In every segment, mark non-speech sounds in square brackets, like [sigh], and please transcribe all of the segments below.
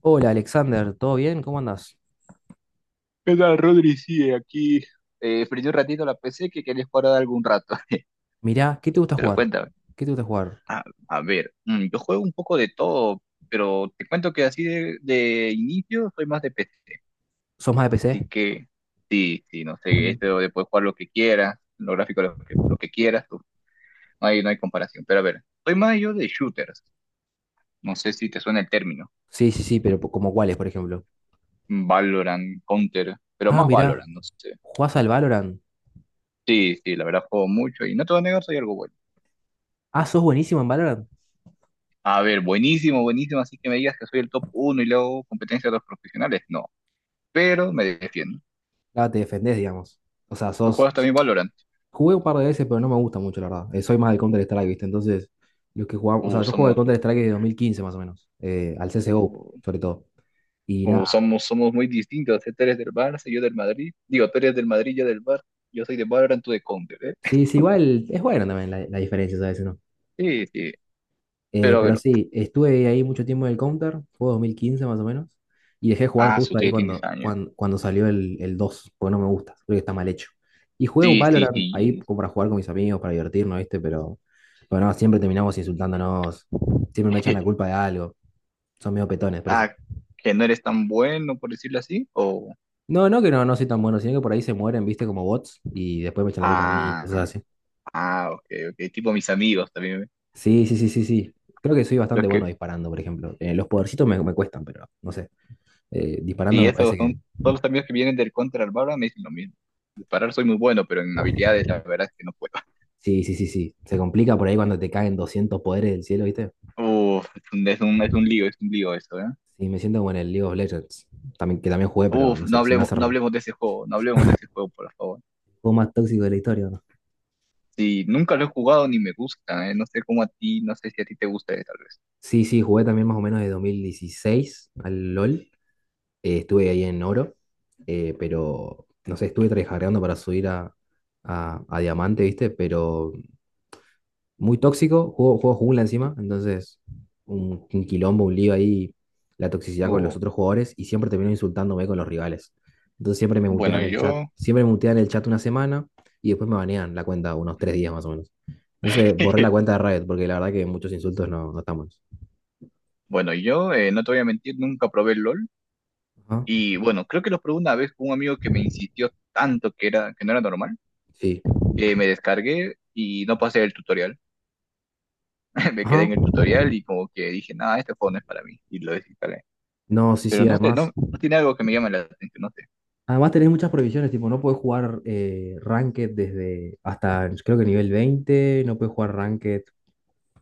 Hola Alexander, ¿todo bien? ¿Cómo andas? ¿Qué tal, Rodri? Sí, aquí prendí un ratito la PC que quería jugar algún rato. [laughs] Mirá, ¿qué te gusta Pero jugar? cuéntame. ¿Qué te gusta jugar? A, a ver, yo juego un poco de todo, pero te cuento que así de inicio soy más de PC. ¿Sos más de PC? Así que sí, sí, no sé, Mm. esto de poder jugar lo que quieras, los gráficos lo que quieras, uf, no hay comparación. Pero a ver, soy más yo de shooters. No sé si te suena el término. Sí, sí, sí, pero como cuáles, por ejemplo. Valorant, Counter, pero Ah, más mirá, Valorant, no sé. ¿jugás al Valorant? Sí, sí, la verdad juego mucho y no te voy a negar, soy algo bueno. Ah, sos buenísimo en Valorant. A ver, buenísimo, buenísimo, así que me digas que soy el top uno y luego competencia de los profesionales. No, pero me defiendo. Ah, te defendés, digamos. O sea, ¿Tú sos... juegas también Valorant? Jugué un par de veces, pero no me gusta mucho, la verdad. Soy más de Counter-Strike, ¿viste? Entonces, los que jugamos... O sea, Uh, yo juego al somos, Counter-Strike desde 2015, más o menos, al CSGO, uh, sobre todo. Y uh, nada. somos, somos muy distintos, ¿eh? Tú eres del Barça, yo del Madrid. Digo, tú eres del Madrid, yo del Barça. Yo soy de Valorant, tú de Counter, ¿eh? Sí, sí, igual es bueno también la diferencia, ¿sabes? Sí, sí. Pero a Pero ver, sí, estuve ahí mucho tiempo en el Counter, fue 2015 más o menos, y dejé de jugar ah, su justo ahí tía tienes cuando, años. cuando, cuando salió el 2 porque no me gusta, creo que está mal hecho. Y jugué un Sí, sí, Valorant ahí sí. como para jugar con mis amigos, para divertirnos, ¿viste? Pero no, siempre terminamos insultándonos, siempre me echan la culpa [laughs] de algo, son medio petones, por eso. Ah, que no eres tan bueno, por decirlo así. No, no que no, no soy tan bueno, sino que por ahí se mueren, ¿viste? Como bots, y después me echan la culpa a mí, ah, cosas así. ok, ok. Tipo mis amigos también, ¿eh? Sí, sí, sí, sí, sí. Creo que soy bastante Los bueno que, disparando, por ejemplo. Los podercitos me cuestan, pero no sé. Disparando Sí, me eso parece que. son todos los amigos que vienen del Counter al Valorant me dicen lo mismo. Disparar soy muy bueno, pero en habilidades la verdad es que no puedo. Sí, sí, sí, sí. Se complica por ahí cuando te caen 200 poderes del cielo, ¿viste? [laughs] Uf, es un lío, es un lío eso, ¿eh? Sí, me siento como en el League of Legends, también, que también jugué, pero Uf, no sé, se me hace no raro. hablemos de ese juego, no hablemos de ese juego, por favor. Juego más tóxico de la historia, ¿no? Sí, nunca lo he jugado ni me gusta, ¿eh? No sé cómo a ti, no sé si a ti te gusta, tal vez. Sí, sí, jugué también más o menos de 2016 al LOL, estuve ahí en oro, pero no sé, estuve tryhardeando para subir a, a diamante, ¿viste? Pero muy tóxico, juego jungla encima, entonces un quilombo, un lío ahí, la toxicidad con los Uf, otros jugadores y siempre termino insultándome con los rivales. Entonces siempre me bueno, mutean el chat, yo, siempre me mutean el chat una semana y después me banean la cuenta unos 3 días más o menos. Entonces borré la [laughs] cuenta de Riot porque la verdad que muchos insultos no, no están buenos. bueno, yo, no te voy a mentir, nunca probé el LOL. Ajá, Y bueno, creo que lo probé una vez con un amigo que me insistió tanto que era, que no era normal, sí. que me descargué y no pasé el tutorial. [laughs] Me quedé Ajá. en el tutorial y como que dije, nada, este juego no es para mí, y lo desinstalé. No, sí, Pero sí, no sé, no, además. no tiene algo que me llame la atención, no sé. Además tenés muchas prohibiciones, tipo, no puedes jugar Ranked, desde hasta creo que nivel 20 no puedes jugar Ranked.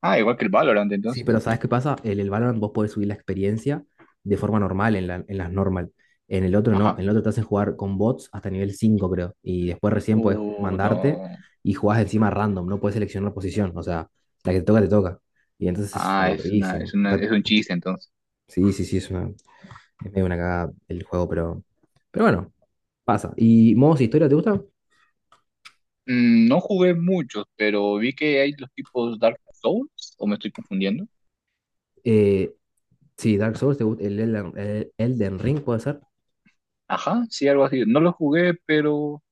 Ah, igual que el Valorant Sí, entonces. pero ¿sabes qué pasa? En el Valorant vos podés subir la experiencia de forma normal, en en las normal. En el otro no, en Ajá. el otro te hacen jugar con bots hasta nivel 5 creo. Y después recién podés Uh, mandarte no. y jugás encima random, no podés seleccionar posición. O sea, la que te toca, te toca. Y entonces es Ah, es una, es aburridísimo. una, es un chiste entonces. Sí, sí, sí, es medio una cagada el juego, pero bueno, pasa. ¿Y modos de historia te gusta? No jugué muchos, pero vi que hay los tipos Dark Souls, o me estoy confundiendo. Eh, sí, Dark Souls, te gusta, el Elden Ring puede ser. Ajá, sí, algo así. No los jugué, pero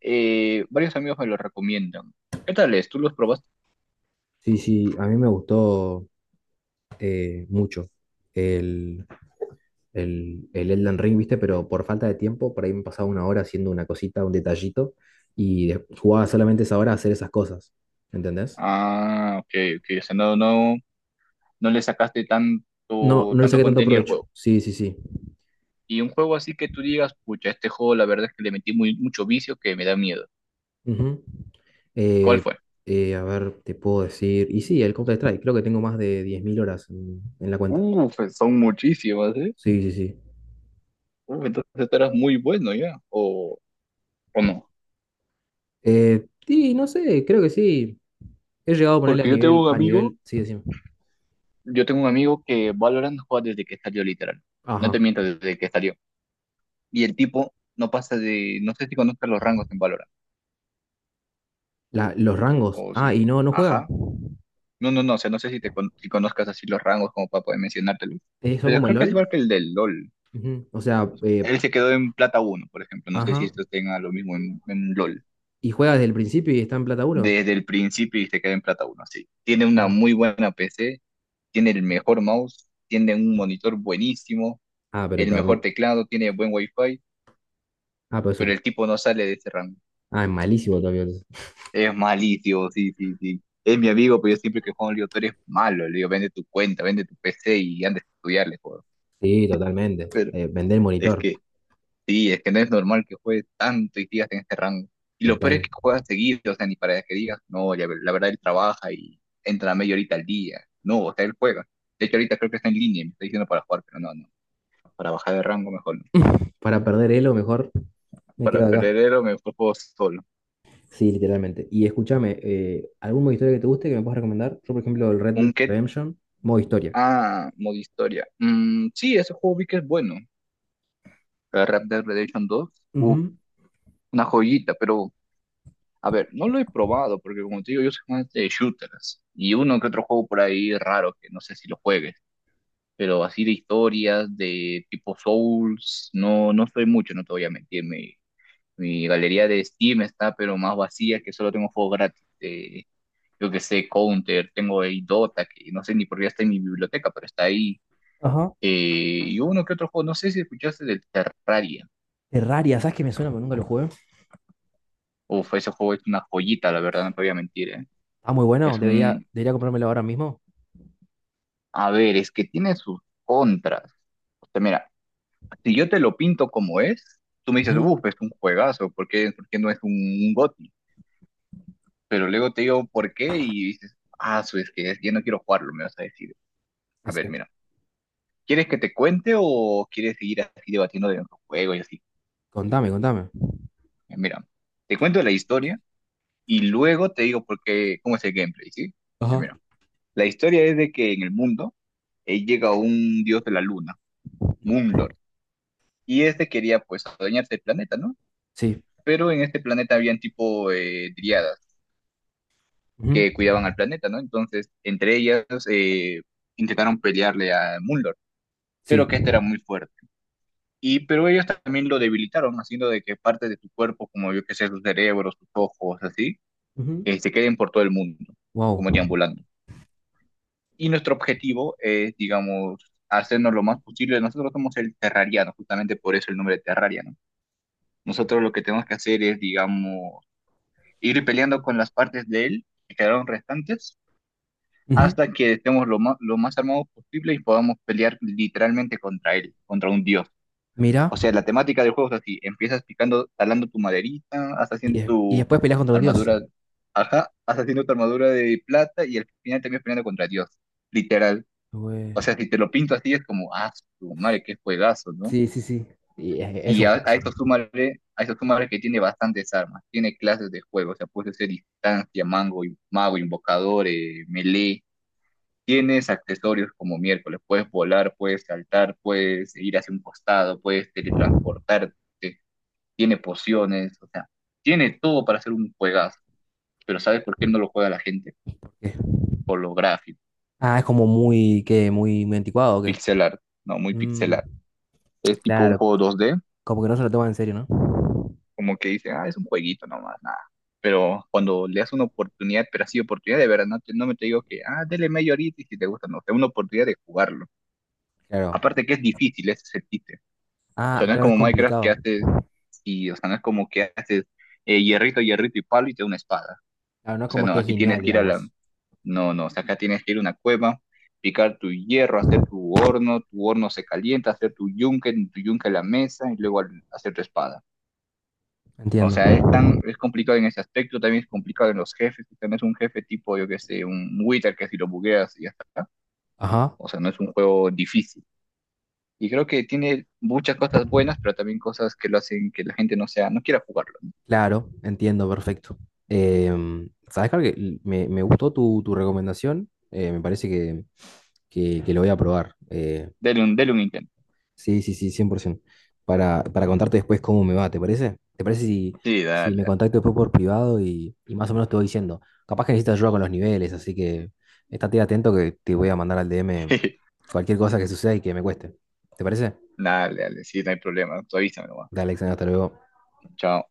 varios amigos me los recomiendan. ¿Qué tal es? ¿Tú los probaste? Sí, sí, a mí me gustó mucho el, el Elden Ring, ¿viste? Pero por falta de tiempo, por ahí me pasaba una hora haciendo una cosita, un detallito, y jugaba solamente esa hora a hacer esas cosas, ¿entendés? Ah, ok, ok. O sea, no, no le sacaste No, tanto, no le tanto saqué tanto contenido al provecho. juego. Sí, sí, sí. Y un juego así que tú digas, pucha, este juego la verdad es que le metí muy, mucho vicio que me da miedo. Ujú. ¿Cuál Eh, fue? a ver, te puedo decir. Y sí, el Counter-Strike, creo que tengo más de 10.000 horas en la cuenta. Pues son muchísimas, ¿eh? Sí, sí, sí. Entonces tú eras muy bueno ya, o no. Sí, no sé, creo que sí. He llegado a ponerle a Porque yo tengo nivel, un a amigo, nivel, sí, decime. yo tengo un amigo que Valorant juega desde que salió literal. No te Ajá. miento, desde que salió. Y el tipo no pasa de, no sé si conozcas los rangos en Valorant. Los rangos. O si, Ah, y no, no juega. ajá. No, no, no, o sea, no sé si si conozcas así los rangos como para poder mencionártelos. Son Pero como el creo que es igual LOL. que el del LOL. Ujú. O sea, Él se quedó en plata uno, por ejemplo. No sé si ajá. esto tenga lo mismo en LOL. Y juega desde el principio y está en plata uno. Desde el principio y se queda en plata uno, sí. Tiene una Ah. muy buena PC, tiene el mejor mouse, tiene un monitor buenísimo, Ah, pero el mejor también. teclado, tiene buen wifi, Ah, pero es pero un- el tipo no sale de ese rango. Ah, es malísimo todavía. Es malicio, sí, sí, sí. Es mi amigo, pero yo siempre que juego en Liga, tú eres malo. Le digo, vende tu cuenta, vende tu PC y anda a estudiar, le juego. Sí, totalmente. Pero Vender el es monitor. que Sí, es que no es normal que juegue tanto y sigas en ese rango. Y lo peor es Total. que juega seguido, o sea, ni para que digas, no, la verdad él trabaja y entra a media horita al día. No, o sea, él juega. De hecho, ahorita creo que está en línea, y me está diciendo para jugar, pero no, no. Para bajar de rango mejor no. Para perder elo, mejor me Para quedo acá. perderero me fue juego solo. Sí, literalmente. Y escúchame, ¿algún modo historia que te guste que me puedas recomendar? Yo, por ejemplo, el Red Dead Un que, Redemption, modo historia. Modo historia. Mm, sí, ese juego vi que es bueno. El Red Dead Redemption dos, uf, Ujú. una joyita, pero a ver, no lo he probado porque como te digo, yo soy más de shooters y uno que otro juego por ahí raro que no sé si lo juegue. Pero así de historias de tipo Souls, no soy mucho, no te voy a mentir. Mi galería de Steam está pero más vacía que solo tengo juegos gratis. De, yo que sé, Counter, tengo el Dota, que no sé ni por qué está en mi biblioteca, pero está ahí. Ajá. Y uno que otro juego, no sé si escuchaste del Terraria. Terraria, ¿sabes qué me suena? Pero nunca lo jugué. Uf, ese juego es una joyita, la verdad, no te voy a mentir, ¿eh? Ah, muy bueno. Es Debería, un... debería comprármelo ahora mismo. A ver, es que tiene sus contras. O sea, mira, si yo te lo pinto como es, tú me dices, Ujú. uff, es un juegazo, ¿por qué no es un GOTY? Pero luego te digo, ¿por qué? Y dices, ah, es que ya no quiero jugarlo, me vas a decir. A ver, Exacto. mira, ¿quieres que te cuente o quieres seguir así debatiendo de nuestro juego y así? Contame, contame. Mira, te cuento la historia y luego te digo por qué, cómo es el gameplay, ¿sí? Ya, Ajá. mira, la historia es de que en el mundo llega un dios de la luna, Moonlord, y este quería pues adueñarse del planeta, ¿no? Sí. Pero en este planeta habían tipo dríadas Ujú. que cuidaban al planeta, ¿no? Entonces, entre ellas intentaron pelearle a Mulder, Sí. pero que este era muy fuerte. Pero ellos también lo debilitaron, haciendo de que partes de su cuerpo, como yo que sé, sus cerebros, sus ojos, así, se queden por todo el mundo, como Wow. deambulando. Y nuestro objetivo es, digamos, hacernos lo más posible. Nosotros somos el terrariano, justamente por eso el nombre de terraria, ¿no? Nosotros lo que tenemos que hacer es, digamos, ir peleando con las partes de él que quedaron restantes hasta que estemos lo más armados posible y podamos pelear literalmente contra él, contra un dios. Mira. O sea, la temática del juego es así, empiezas picando, talando tu maderita, hasta Y, haciendo de- y tu después peleas contra un dios. armadura, ajá, hasta haciendo tu armadura de plata y al final terminas peleando contra Dios, literal. O Güey. sea, si te lo pinto así es como, ah, su madre, qué juegazo, ¿no? Sí, sí, sí. Y es Y un a caso, ¿no? esto súmale, a esto súmale que tiene bastantes armas, tiene clases de juego, o sea, puedes hacer distancia, mango, mago, invocador, melee. Tienes accesorios como miércoles, puedes volar, puedes saltar, puedes ir hacia un costado, puedes teletransportarte, tiene pociones, o sea, tiene todo para hacer un juegazo. Pero ¿sabes por qué no lo juega la gente? Porque- Por lo gráfico, Ah, es como que muy, muy anticuado, ¿o qué? pixel art, no, muy pixel Mm, art. Es tipo un claro. juego 2D, Como que no se lo toman en serio, ¿no? como que dicen, ah, es un jueguito nomás, nada. Pero cuando le das una oportunidad, pero así oportunidad de verdad, no, no me te digo que, ah, dele media horita y si te gusta, no, o sea, una oportunidad de jugarlo. Claro. Aparte que es difícil, ese es el chiste. O Ah, sea, no es claro, es como Minecraft que complicado. haces y, o sea, no es como que haces hierrito, hierrito y palo y te da una espada. Claro, no es O sea, como no, que es aquí tienes lineal, que ir a la, digamos. no, no, o sea, acá tienes que ir a una cueva, picar tu hierro, hacer tu horno se calienta, hacer tu yunque, en tu yunque la mesa y luego hacer tu espada. O Entiendo. sea, es complicado en ese aspecto, también es complicado en los jefes, o sea, no es un jefe tipo, yo que sé, un Wither que si lo bugueas y ya está. Ajá. O sea, no es un juego difícil. Y creo que tiene muchas cosas buenas, pero también cosas que lo hacen que la gente no sea, no quiera jugarlo. Claro, entiendo, perfecto. ¿Sabes, Carl? Me gustó tu recomendación. Me parece que, que lo voy a probar. Dele un intento. Sí, sí, sí, 100%. Para contarte después cómo me va, ¿te parece? ¿Te parece si, Sí, si dale, me dale. contacto después por privado y más o menos te voy diciendo? Capaz que necesitas ayuda con los niveles, así que estate atento que te voy a mandar al DM [laughs] cualquier cosa que suceda y que me cueste. ¿Te parece? Dale, dale, sí, no hay problema. Tú avísame nomás. Dale, Alexander, hasta luego. Chao.